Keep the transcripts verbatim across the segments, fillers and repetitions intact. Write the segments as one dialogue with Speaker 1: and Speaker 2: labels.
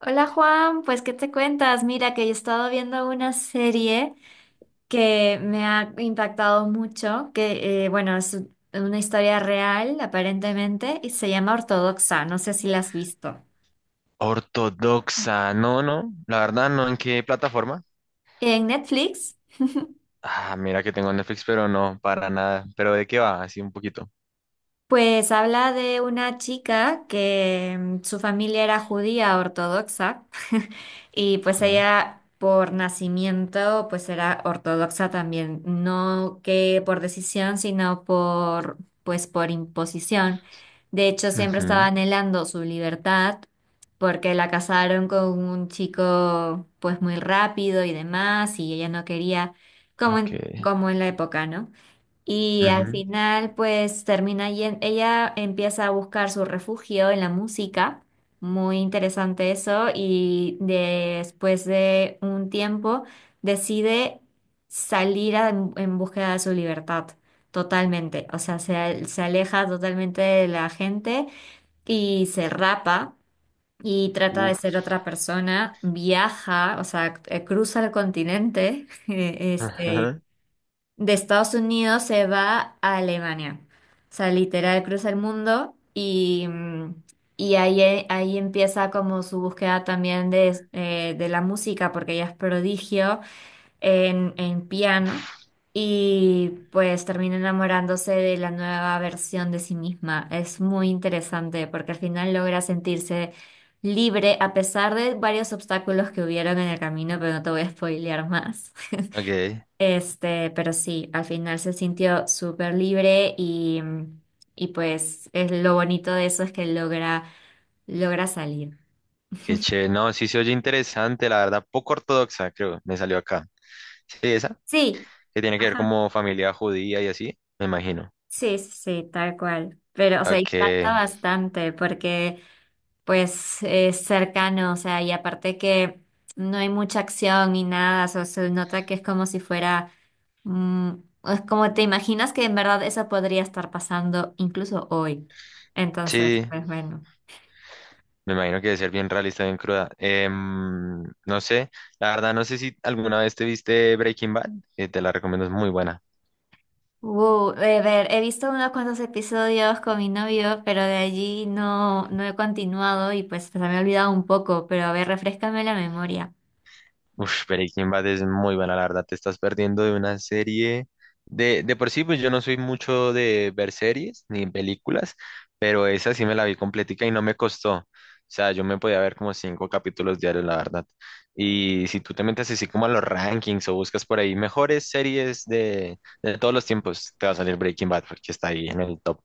Speaker 1: Hola Juan, pues ¿qué te cuentas? Mira que he estado viendo una serie que me ha impactado mucho, que eh, bueno, es una historia real aparentemente y se llama Ortodoxa, no sé si la has visto.
Speaker 2: Ortodoxa, no, no, la verdad no, ¿en qué plataforma?
Speaker 1: En Netflix,
Speaker 2: Ah, mira que tengo Netflix, pero no, para nada. ¿Pero de qué va? Así un poquito.
Speaker 1: pues habla de una chica que mm, su familia era judía ortodoxa. Y pues
Speaker 2: Ajá.
Speaker 1: ella por nacimiento pues era ortodoxa también, no que por decisión, sino por pues por imposición. De hecho, siempre estaba
Speaker 2: Ujú.
Speaker 1: anhelando su libertad porque la casaron con un chico pues muy rápido y demás y ella no quería, como
Speaker 2: Ok.
Speaker 1: en, como en la época, ¿no? Y al
Speaker 2: Ujú.
Speaker 1: final, pues termina yen- ella empieza a buscar su refugio en la música. Muy interesante eso. Y después de un tiempo decide salir a- en, en búsqueda de su libertad. Totalmente. O sea, se, se aleja totalmente de la gente y se rapa y trata de ser
Speaker 2: Uf.
Speaker 1: otra persona. Viaja, o sea, eh, cruza el continente. Este,
Speaker 2: Ajá.
Speaker 1: de Estados Unidos se va a Alemania. O sea, literal cruza el mundo y, mm, y ahí, eh, ahí empieza como su búsqueda también de, eh, de la música, porque ella es prodigio en, en piano y pues termina enamorándose de la nueva versión de sí misma. Es muy interesante porque al final logra sentirse libre a pesar de varios obstáculos que hubieron en el camino, pero no te voy a spoilear más.
Speaker 2: Ok.
Speaker 1: Este, pero sí, al final se sintió súper libre y, y pues es lo bonito de eso es que logra, logra salir.
Speaker 2: Qué chévere, no, sí se oye interesante, la verdad, poco ortodoxa, creo, me salió acá. Sí, esa,
Speaker 1: Sí.
Speaker 2: que tiene que ver
Speaker 1: Ajá.
Speaker 2: como familia judía y así, me imagino.
Speaker 1: Sí, sí, sí, tal cual. Pero, o sea, impacta
Speaker 2: Que
Speaker 1: bastante porque pues es cercano, o sea, y aparte que no hay mucha acción ni nada, o sea, se nota que es como si fuera, mm, es como te imaginas que en verdad eso podría estar pasando incluso hoy. Entonces,
Speaker 2: sí,
Speaker 1: pues bueno.
Speaker 2: me imagino que debe ser bien realista, bien cruda. Em, no sé, la verdad, no sé si alguna vez te viste Breaking Bad, que te la recomiendo, es muy buena.
Speaker 1: Uh, a ver, he visto unos cuantos episodios con mi novio, pero de allí no, no he continuado y pues se me ha olvidado un poco, pero a ver, refréscame la memoria.
Speaker 2: Uf, Breaking Bad es muy buena, la verdad. Te estás perdiendo de una serie. De, de por sí, pues yo no soy mucho de ver series ni películas, pero esa sí me la vi completica y no me costó. O sea, yo me podía ver como cinco capítulos diarios, la verdad. Y si tú te metes así como a los rankings o buscas por ahí mejores series de, de todos los tiempos, te va a salir Breaking Bad porque está ahí en el top.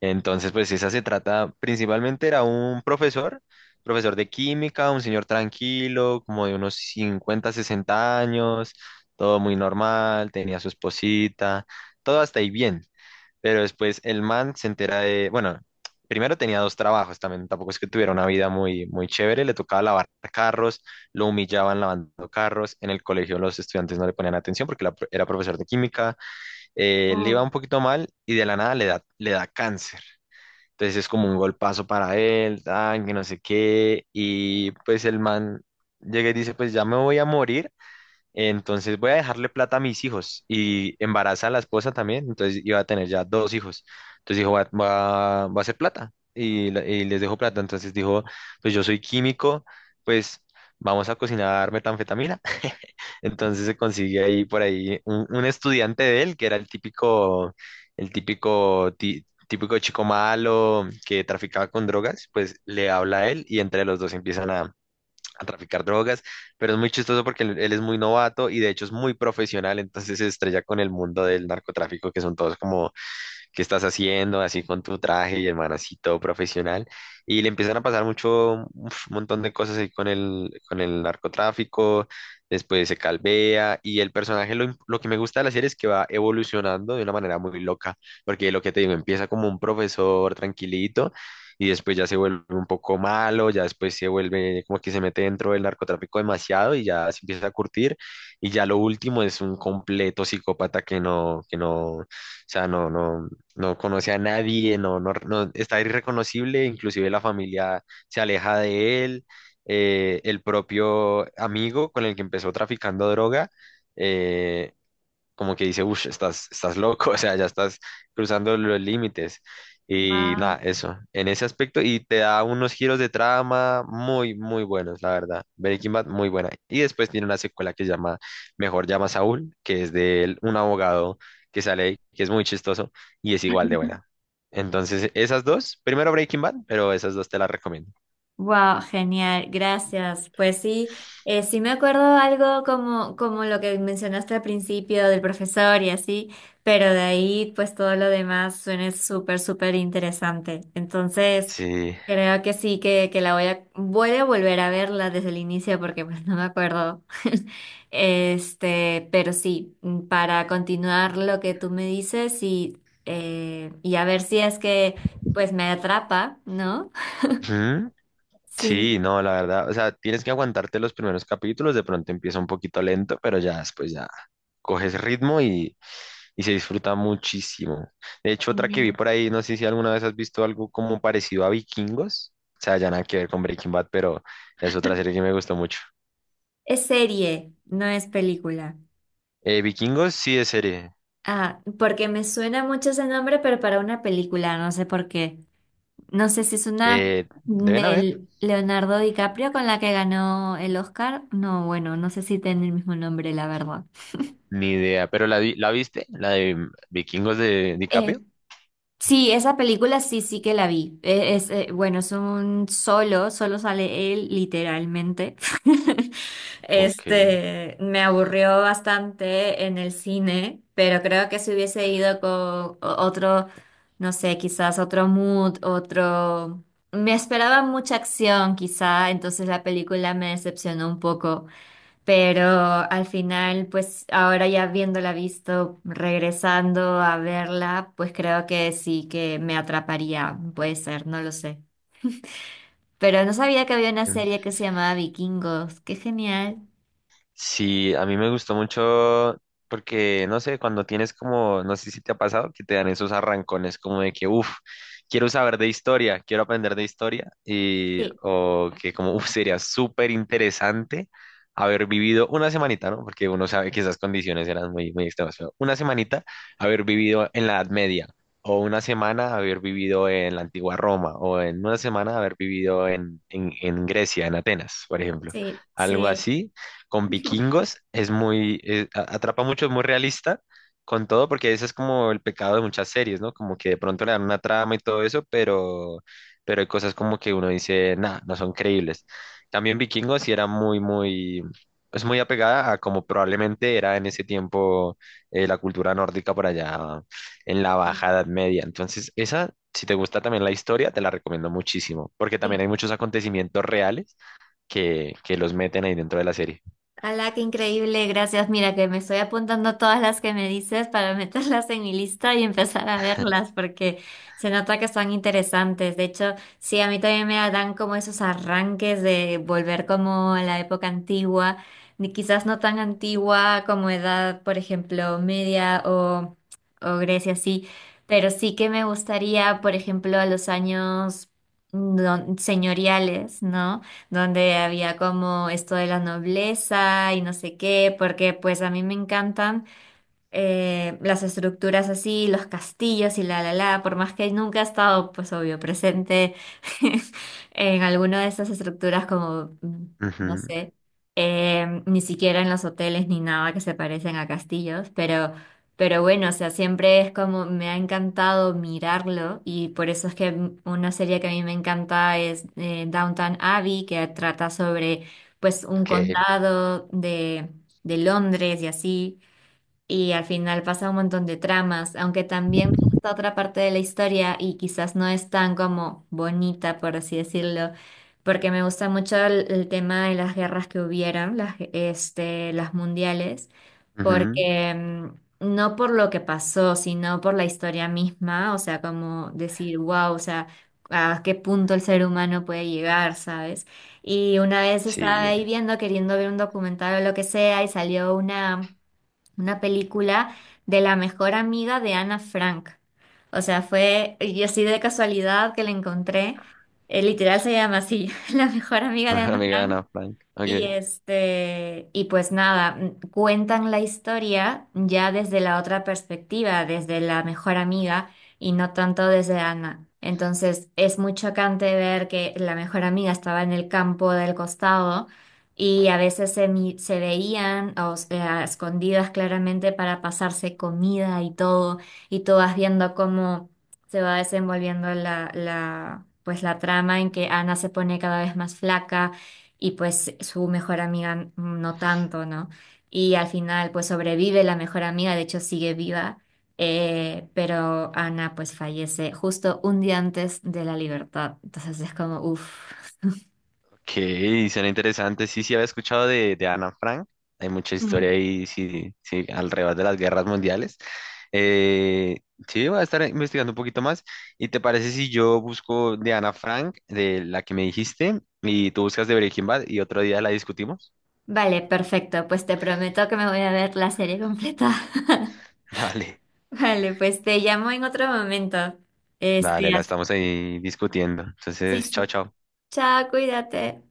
Speaker 2: Entonces, pues esa se trata, principalmente era un profesor profesor de química, un señor tranquilo, como de unos cincuenta, sesenta años, todo muy normal, tenía su esposita, todo hasta ahí bien. Pero después el man se entera de, bueno, primero tenía dos trabajos también, tampoco es que tuviera una vida muy, muy chévere, le tocaba lavar carros, lo humillaban lavando carros, en el colegio los estudiantes no le ponían atención porque la- era profesor de química, eh, le iba
Speaker 1: Oh,
Speaker 2: un poquito mal y de la nada le da, le da cáncer. Entonces es como un golpazo para él, tan, que no sé qué. Y pues el man llega y dice, pues ya me voy a morir, entonces voy a dejarle plata a mis hijos y embaraza a la esposa también, entonces iba a tener ya dos hijos. Entonces dijo, va, va, va a hacer plata y, la- y les dejo plata. Entonces dijo, pues yo soy químico, pues vamos a cocinar metanfetamina. Entonces se consigue ahí por ahí un, un estudiante de él, que era el típico, el típico, ti- típico chico malo que traficaba con drogas, pues le habla a él y entre los dos empiezan a traficar drogas, pero es muy chistoso porque él, él es muy novato y de hecho es muy profesional, entonces se estrella con el mundo del narcotráfico, que son todos como qué estás haciendo, así con tu traje y el man así todo profesional. Y le empiezan a pasar mucho, uf, un montón de cosas ahí con el, con el narcotráfico, después se calvea y el personaje, lo, im- lo que me gusta de la serie es que va evolucionando de una manera muy loca, porque lo que te digo, empieza como un profesor tranquilito y después ya se vuelve un poco malo, ya después se vuelve como que se mete dentro del narcotráfico demasiado y ya se empieza a curtir y ya lo último es un completo psicópata que no, que no, o sea, no, no no conoce a nadie, no, no, no- está irreconocible, inclusive la familia se aleja de él, eh, el propio amigo con el que empezó traficando droga, eh, como que dice, uff, estás, estás loco, o sea, ya estás cruzando los límites. Y
Speaker 1: wow.
Speaker 2: nada, eso, en ese aspecto, y te da unos giros de trama muy, muy buenos, la verdad. Breaking Bad, muy buena. Y después tiene una secuela que se llama Mejor llama a Saúl, que es de él, un abogado que sale, ahí, que es muy chistoso y es igual de buena. Entonces, esas dos, primero Breaking Bad, pero esas dos te las recomiendo.
Speaker 1: Wow, genial, gracias. Pues sí, eh, sí me acuerdo algo como, como lo que mencionaste al principio del profesor y así, pero de ahí pues todo lo demás suena súper, súper interesante. Entonces,
Speaker 2: Sí.
Speaker 1: creo que sí, que, que la voy a, voy a volver a verla desde el inicio porque pues no me acuerdo. Este, pero sí, mm, para continuar lo que tú me dices y, eh, y a ver si es que pues me atrapa, ¿no?
Speaker 2: Ujú.
Speaker 1: Sí.
Speaker 2: Sí, no, la verdad, o sea, tienes que aguantarte los primeros capítulos, de pronto empieza un poquito lento, pero ya después ya coges ritmo y, y se disfruta muchísimo. De hecho, otra que vi
Speaker 1: Genial.
Speaker 2: por ahí, no sé si alguna vez has visto algo como parecido a Vikingos, o sea, ya nada que ver con Breaking Bad, pero es otra serie que me gustó mucho.
Speaker 1: Es serie, no es película.
Speaker 2: Eh, Vikingos sí es serie,
Speaker 1: Ah, porque me suena mucho ese nombre, pero para una película, no sé por qué. No sé si es una
Speaker 2: eh, deben haber,
Speaker 1: del Leonardo DiCaprio con la que ganó el Oscar. No, bueno, no sé si tiene el mismo nombre, la verdad.
Speaker 2: ni idea, pero la, vi- ¿la viste? ¿La de Vikingos de
Speaker 1: Eh,
Speaker 2: DiCaprio?
Speaker 1: Sí, esa película sí, sí que la vi. E- Es, eh, bueno, es un solo, solo sale él literalmente.
Speaker 2: Ok.
Speaker 1: Este, me aburrió bastante en el cine, pero creo que si hubiese ido con o- otro, no sé, quizás otro mood, otro... Me esperaba mucha acción, quizá, entonces la película me decepcionó un poco. Pero al final, pues ahora ya viéndola visto, regresando a verla, pues creo que sí que me atraparía, puede ser, no lo sé. Pero no sabía que había una serie que se llamaba Vikingos, qué genial.
Speaker 2: Sí, a mí me gustó mucho porque, no sé, cuando tienes como, no sé si te ha pasado, que te dan esos arrancones como de que, uff, quiero saber de historia, quiero aprender de historia, y,
Speaker 1: Sí,
Speaker 2: o que como, uff, sería súper interesante haber vivido una semanita, ¿no? Porque uno sabe que esas condiciones eran muy, muy extremas, pero una semanita haber vivido en la Edad Media, o una semana haber vivido en la antigua Roma, o en una semana haber vivido en, en, en Grecia, en Atenas, por ejemplo
Speaker 1: sí,
Speaker 2: algo
Speaker 1: sí.
Speaker 2: así, con vikingos es muy, eh, a- atrapa mucho, es muy realista con todo, porque ese es como el pecado de muchas series, ¿no? Como que de pronto le dan una trama y todo eso, pero, pero hay cosas como que uno dice, nah, no son creíbles. También vikingos sí era muy, muy, es muy apegada a como probablemente era en ese tiempo eh, la cultura nórdica por allá en la Baja Edad Media. Entonces, esa, si te gusta también la historia, te la recomiendo muchísimo, porque también hay muchos acontecimientos reales que, que los meten ahí dentro de la serie.
Speaker 1: Ala, qué increíble, gracias. Mira que me estoy apuntando todas las que me dices para meterlas en mi lista y empezar a verlas porque se nota que son interesantes. De hecho, sí, a mí también me dan como esos arranques de volver como a la época antigua, ni quizás no tan antigua como edad, por ejemplo, media o, o Grecia, sí, pero sí que me gustaría, por ejemplo, a los años mm, don- señoriales, ¿no? Donde había como esto de la nobleza y no sé qué, porque pues a mí me encantan, eh, las estructuras así, los castillos y la la la, por más que nunca he estado, pues obvio, presente en alguna de esas estructuras como, mm, no
Speaker 2: Ujú.
Speaker 1: sé, eh, ni siquiera en los hoteles ni nada que se parecen a castillos, pero, pero bueno, o sea, siempre es como me ha encantado mirarlo y por eso es que mm, una serie que a mí me encanta es eh, Downton Abbey, que trata sobre pues un
Speaker 2: Ok,
Speaker 1: condado de, de Londres y así. Y al final pasa un montón de tramas, aunque también me gusta otra parte de la historia y quizás no es tan como bonita, por así decirlo, porque me gusta mucho el, el tema de las guerras que hubieron, las, este, las mundiales,
Speaker 2: ujú.
Speaker 1: porque mm, no por lo que pasó, sino por la historia misma, o sea, como decir, wow, o sea, a qué punto el ser humano puede llegar, ¿sabes? Y una vez estaba
Speaker 2: Sí.
Speaker 1: ahí viendo, queriendo ver un documental o lo que sea, y salió una una película de la mejor amiga de Ana Frank. O sea, fue, y así de casualidad que la encontré, eh, literal se llama así, la mejor amiga de
Speaker 2: Mejor
Speaker 1: Ana
Speaker 2: amiga de Ana
Speaker 1: Frank.
Speaker 2: Frank.
Speaker 1: Y
Speaker 2: Ok.
Speaker 1: este, y pues nada, m- cuentan la historia ya desde la otra perspectiva, desde la mejor amiga y no tanto desde Ana. Entonces es muy chocante ver que la mejor amiga estaba en el campo del costado y a veces se, mi- se veían, o sea, escondidas claramente para pasarse comida y todo, y tú vas viendo cómo se va desenvolviendo la, la, pues la trama en que Ana se pone cada vez más flaca y pues su mejor amiga no tanto, ¿no? Y al final pues sobrevive la mejor amiga, de hecho sigue viva, eh, pero Ana pues fallece justo un día antes de la libertad, entonces es como, uff.
Speaker 2: Ok, suena interesante. Sí, sí, había escuchado de, de Ana Frank. Hay mucha historia
Speaker 1: Mm.
Speaker 2: ahí, sí, sí, alrededor de las guerras mundiales. Eh, sí, voy a estar investigando un poquito más. ¿Y te parece si yo busco de Ana Frank, de la que me dijiste, y tú buscas de Breaking Bad y otro día la discutimos?
Speaker 1: Vale, perfecto, pues te prometo que me voy a ver la serie completa.
Speaker 2: Dale,
Speaker 1: Vale, pues te llamo en otro momento. Este,
Speaker 2: dale, la
Speaker 1: as-
Speaker 2: estamos ahí discutiendo.
Speaker 1: sí,
Speaker 2: Entonces, chao,
Speaker 1: sí.
Speaker 2: chao.
Speaker 1: Chao, cuídate.